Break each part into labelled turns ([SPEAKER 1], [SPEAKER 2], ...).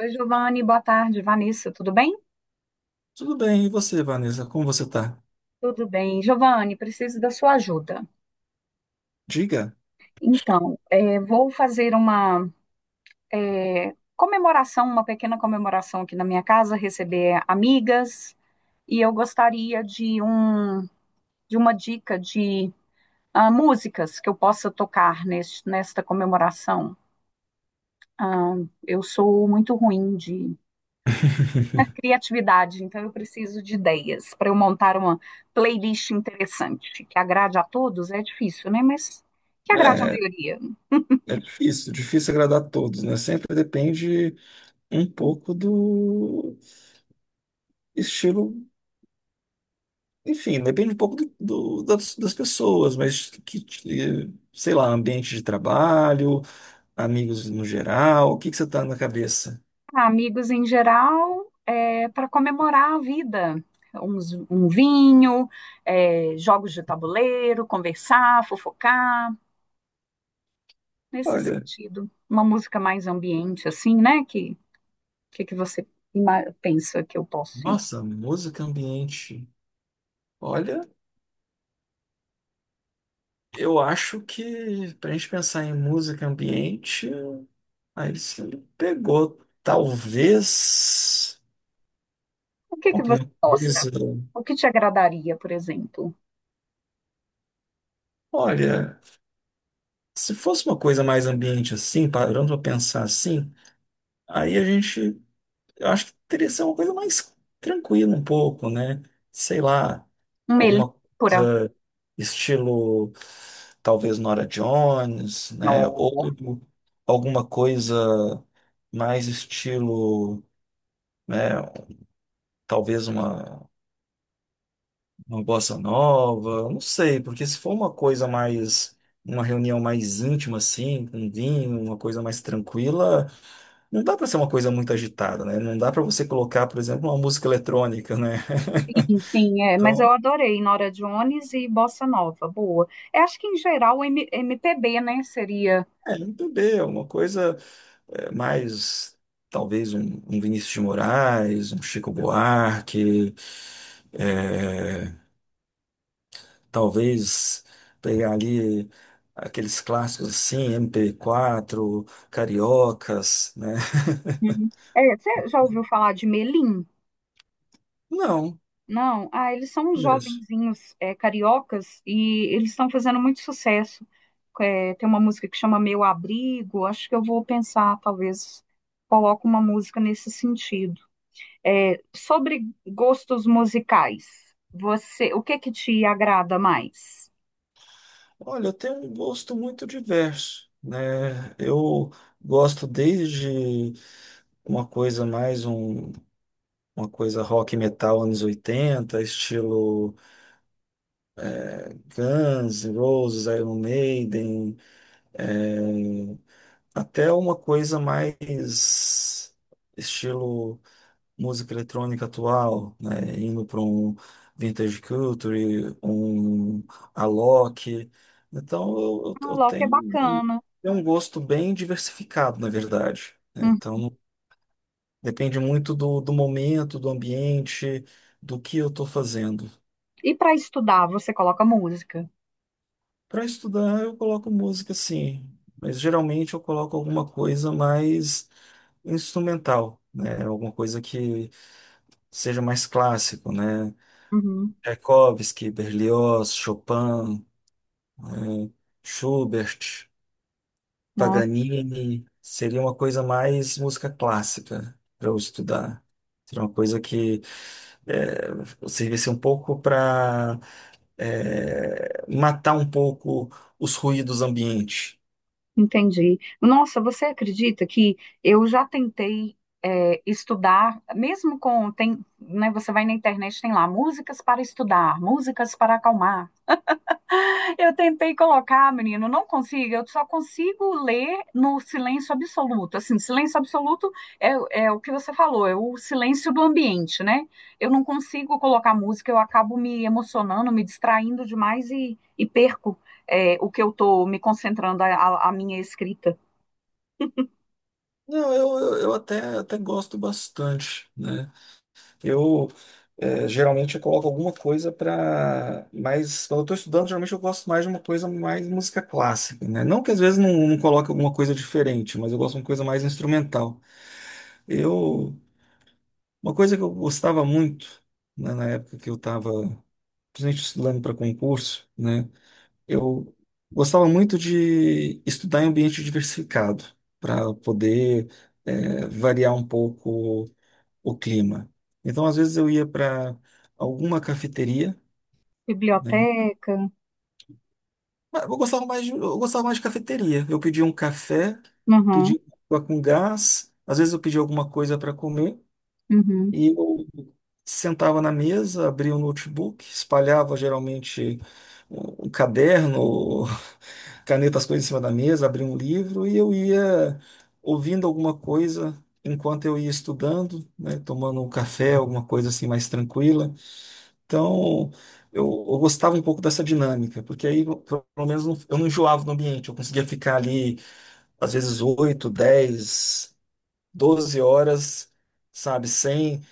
[SPEAKER 1] Oi, Giovanni, boa tarde. Vanessa, tudo bem?
[SPEAKER 2] Tudo bem, e você, Vanessa? Como você tá?
[SPEAKER 1] Tudo bem. Giovanni, preciso da sua ajuda.
[SPEAKER 2] Diga.
[SPEAKER 1] Então, vou fazer uma comemoração, uma pequena comemoração aqui na minha casa, receber amigas, e eu gostaria de, de uma dica de músicas que eu possa tocar nesta comemoração. Ah, eu sou muito ruim de criatividade, então eu preciso de ideias para eu montar uma playlist interessante, que agrade a todos, é difícil, né? Mas que agrade a
[SPEAKER 2] É,
[SPEAKER 1] maioria.
[SPEAKER 2] é difícil, difícil agradar a todos, né? Sempre depende um pouco do estilo, enfim, depende um pouco das pessoas, mas sei lá, ambiente de trabalho, amigos no geral, o que que você tá na cabeça?
[SPEAKER 1] Ah, amigos em geral, é, para comemorar a vida. Um vinho, é, jogos de tabuleiro, conversar, fofocar, nesse
[SPEAKER 2] Olha,
[SPEAKER 1] sentido. Uma música mais ambiente, assim, né? Que você pensa que eu posso ir?
[SPEAKER 2] nossa, música, ambiente. Olha, eu acho que para a gente pensar em música, ambiente. Aí você me pegou, talvez,
[SPEAKER 1] O que, que você
[SPEAKER 2] alguma
[SPEAKER 1] gosta?
[SPEAKER 2] coisa.
[SPEAKER 1] O que te agradaria, por exemplo?
[SPEAKER 2] Olha, se fosse uma coisa mais ambiente assim, parando para pensar assim, aí a gente, eu acho que teria que ser uma coisa mais tranquila um pouco, né? Sei lá,
[SPEAKER 1] Uma
[SPEAKER 2] alguma
[SPEAKER 1] melípora?
[SPEAKER 2] coisa estilo, talvez Nora Jones, né?
[SPEAKER 1] Oh,
[SPEAKER 2] Ou alguma coisa mais estilo, né? Talvez uma bossa nova, não sei, porque se for uma coisa mais, uma reunião mais íntima assim, com vinho, uma coisa mais tranquila, não dá para ser uma coisa muito agitada, né? Não dá para você colocar, por exemplo, uma música eletrônica, né?
[SPEAKER 1] sim, sim, é, mas eu
[SPEAKER 2] Então,
[SPEAKER 1] adorei Nora Jones e Bossa Nova, boa. Eu acho que em geral M- MPB, né, seria.
[SPEAKER 2] é, um bebê, uma coisa é, mais, talvez um Vinícius de Moraes, um Chico Buarque, é, talvez pegar ali aqueles clássicos assim, MP4, Cariocas, né?
[SPEAKER 1] Uhum. É, você já ouviu falar de Melim?
[SPEAKER 2] Não,
[SPEAKER 1] Não? Ah, eles são uns
[SPEAKER 2] mesmo.
[SPEAKER 1] jovenzinhos, é, cariocas e eles estão fazendo muito sucesso. É, tem uma música que chama Meu Abrigo, acho que eu vou pensar, talvez coloque uma música nesse sentido. É, sobre gostos musicais, você, o que que te agrada mais?
[SPEAKER 2] Olha, eu tenho um gosto muito diverso, né? Eu gosto desde uma coisa mais uma coisa rock e metal anos 80 estilo Guns, Roses, Iron Maiden, é, até uma coisa mais estilo música eletrônica atual, né? Indo para um vintage culture, um Alok. Então
[SPEAKER 1] Ah, Loki é
[SPEAKER 2] eu
[SPEAKER 1] bacana.
[SPEAKER 2] tenho um gosto bem diversificado, na verdade, né?
[SPEAKER 1] Hum.
[SPEAKER 2] Então depende muito do momento, do ambiente, do que eu estou fazendo.
[SPEAKER 1] E para estudar, você coloca música?
[SPEAKER 2] Para estudar, eu coloco música, sim, mas geralmente eu coloco alguma coisa mais instrumental, né? Alguma coisa que seja mais clássico, né?
[SPEAKER 1] Uhum.
[SPEAKER 2] Tchaikovsky, Berlioz, Chopin, eh, Schubert,
[SPEAKER 1] Ah,
[SPEAKER 2] Paganini, seria uma coisa mais música clássica para eu estudar. Seria uma coisa que servisse um pouco para matar um pouco os ruídos ambientes.
[SPEAKER 1] entendi. Nossa, você acredita que eu já tentei, é, estudar, mesmo com, tem, né, você vai na internet, tem lá, músicas para estudar, músicas para acalmar. Eu tentei colocar, menino, não consigo. Eu só consigo ler no silêncio absoluto. Assim, silêncio absoluto é, é o que você falou, é o silêncio do ambiente, né? Eu não consigo colocar música, eu acabo me emocionando, me distraindo demais e perco, é, o que eu tô me concentrando, a minha escrita.
[SPEAKER 2] Não, eu até gosto bastante, né? Eu Geralmente eu coloco alguma coisa para mais, quando eu estou estudando, geralmente eu gosto mais de uma coisa mais música clássica, né? Não que às vezes não, coloque alguma coisa diferente, mas eu gosto de uma coisa mais instrumental. Eu uma coisa que eu gostava muito, né, na época que eu estava principalmente estudando para concurso, né? Eu gostava muito de estudar em ambiente diversificado para poder variar um pouco o clima. Então, às vezes, eu ia para alguma cafeteria, né?
[SPEAKER 1] Biblioteca.
[SPEAKER 2] Mas Eu gostava mais de, eu gostava mais de cafeteria. Eu pedia um café,
[SPEAKER 1] Uhum,
[SPEAKER 2] pedia água com gás, às vezes eu pedia alguma coisa para comer
[SPEAKER 1] uhum.
[SPEAKER 2] e eu sentava na mesa, abria o notebook, espalhava geralmente um caderno, caneta, as coisas em cima da mesa, abria um livro e eu ia ouvindo alguma coisa enquanto eu ia estudando, né? Tomando um café, alguma coisa assim mais tranquila. Então, eu gostava um pouco dessa dinâmica, porque aí, pelo menos, eu não enjoava no ambiente, eu conseguia ficar ali, às vezes, 8, 10, 12 horas, sabe, sem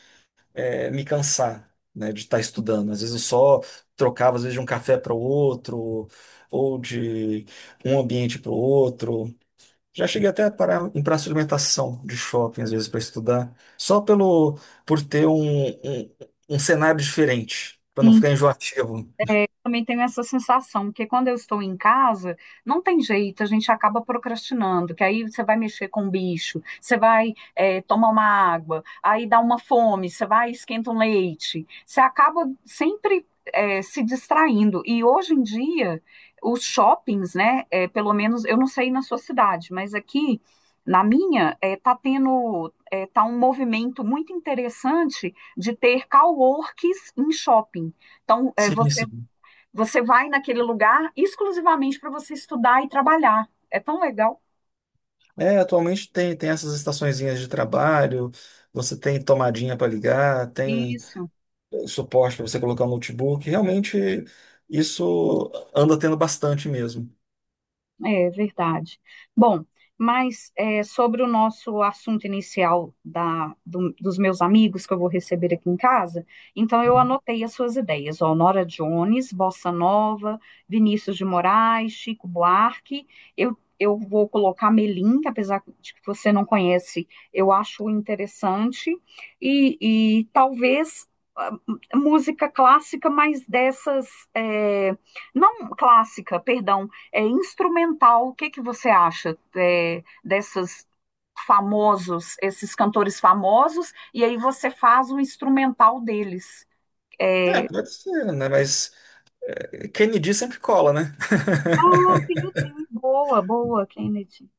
[SPEAKER 2] me cansar, né, de estar estudando. Às vezes eu só trocava, às vezes, de um café para o outro, ou de um ambiente para o outro. Já cheguei até a parar em praça de alimentação de shopping, às vezes, para estudar, só pelo, por ter um cenário diferente, para não ficar enjoativo.
[SPEAKER 1] Também tenho essa sensação, porque quando eu estou em casa, não tem jeito, a gente acaba procrastinando, que aí você vai mexer com o bicho, você vai tomar uma água, aí dá uma fome, você vai e esquenta um leite, você acaba sempre se distraindo. E hoje em dia, os shoppings, né, eh, pelo menos, eu não sei na sua cidade, mas aqui na minha, eh, tá tendo, eh, tá um movimento muito interessante de ter coworks em shopping. Então, é,
[SPEAKER 2] Sim, sim.
[SPEAKER 1] você vai naquele lugar exclusivamente para você estudar e trabalhar. É tão legal.
[SPEAKER 2] É, atualmente tem essas estaçõezinhas de trabalho, você tem tomadinha para ligar, tem
[SPEAKER 1] Isso.
[SPEAKER 2] suporte para você colocar o notebook. Realmente, isso anda tendo bastante, mesmo.
[SPEAKER 1] É verdade. Bom, mas é, sobre o nosso assunto inicial dos meus amigos que eu vou receber aqui em casa, então eu anotei as suas ideias, ó, Nora Jones, Bossa Nova, Vinícius de Moraes, Chico Buarque, eu vou colocar Melim, que apesar de que você não conhece, eu acho interessante, e talvez ah, música clássica, mas dessas, é, não clássica, perdão, é instrumental. O que que você acha, é, dessas famosos, esses cantores famosos, e aí você faz o instrumental deles?
[SPEAKER 2] É,
[SPEAKER 1] É,
[SPEAKER 2] pode ser, né? Mas quem me diz sempre cola, né?
[SPEAKER 1] ah, Kennedy, boa, boa, Kennedy.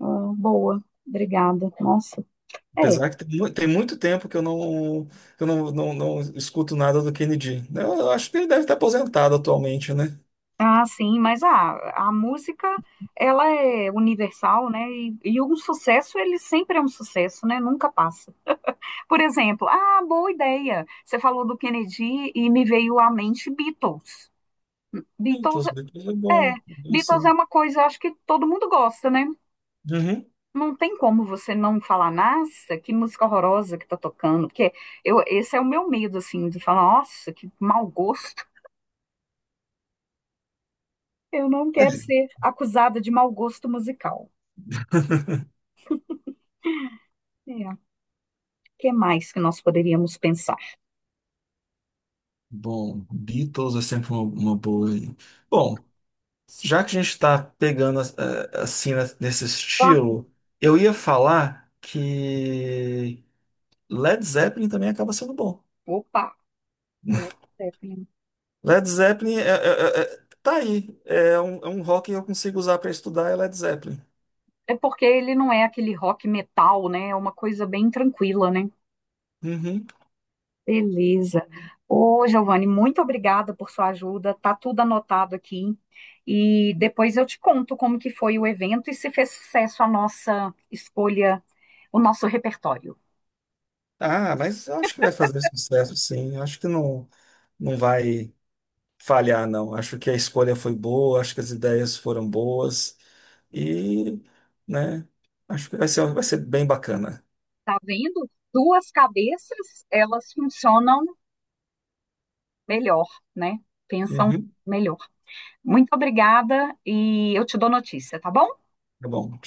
[SPEAKER 1] Ah, boa, obrigada. Nossa. É.
[SPEAKER 2] Apesar que tem muito tempo que eu não escuto nada do Kennedy. Eu acho que ele deve estar aposentado atualmente, né?
[SPEAKER 1] Ah, sim, mas a música, ela é universal, né? E um sucesso, ele sempre é um sucesso, né? Nunca passa. Por exemplo, ah, boa ideia. Você falou do Kennedy e me veio à mente Beatles.
[SPEAKER 2] Então,
[SPEAKER 1] Beatles
[SPEAKER 2] os Beatles é
[SPEAKER 1] é, é,
[SPEAKER 2] bom. É isso
[SPEAKER 1] Beatles é
[SPEAKER 2] aí.
[SPEAKER 1] uma coisa, acho que todo mundo gosta, né?
[SPEAKER 2] Uhum.
[SPEAKER 1] Não tem como você não falar, nossa, que música horrorosa que tá tocando, porque eu, esse é o meu medo, assim, de falar, nossa, que mau gosto. Eu não quero ser acusada de mau gosto musical. É, o que mais que nós poderíamos pensar?
[SPEAKER 2] Bom, Beatles é sempre uma boa aí. Bom, já que a gente está pegando assim, né, nesse
[SPEAKER 1] Ah,
[SPEAKER 2] estilo, eu ia falar que Led Zeppelin também acaba sendo bom.
[SPEAKER 1] opa, Led Zeppelin.
[SPEAKER 2] Led Zeppelin, tá aí. É um rock que eu consigo usar para estudar é Led Zeppelin.
[SPEAKER 1] É porque ele não é aquele rock metal, né? É uma coisa bem tranquila, né?
[SPEAKER 2] Uhum.
[SPEAKER 1] Beleza. Ô, Giovanni, muito obrigada por sua ajuda. Tá tudo anotado aqui. E depois eu te conto como que foi o evento e se fez sucesso a nossa escolha, o nosso repertório.
[SPEAKER 2] Ah, mas eu acho que vai fazer sucesso, sim. Eu acho que não, não vai falhar, não. Acho que a escolha foi boa, acho que as ideias foram boas. E, né, acho que vai ser bem bacana.
[SPEAKER 1] Tá vendo? Duas cabeças, elas funcionam melhor, né? Pensam
[SPEAKER 2] Uhum,
[SPEAKER 1] melhor. Muito obrigada e eu te dou notícia, tá bom?
[SPEAKER 2] tá bom.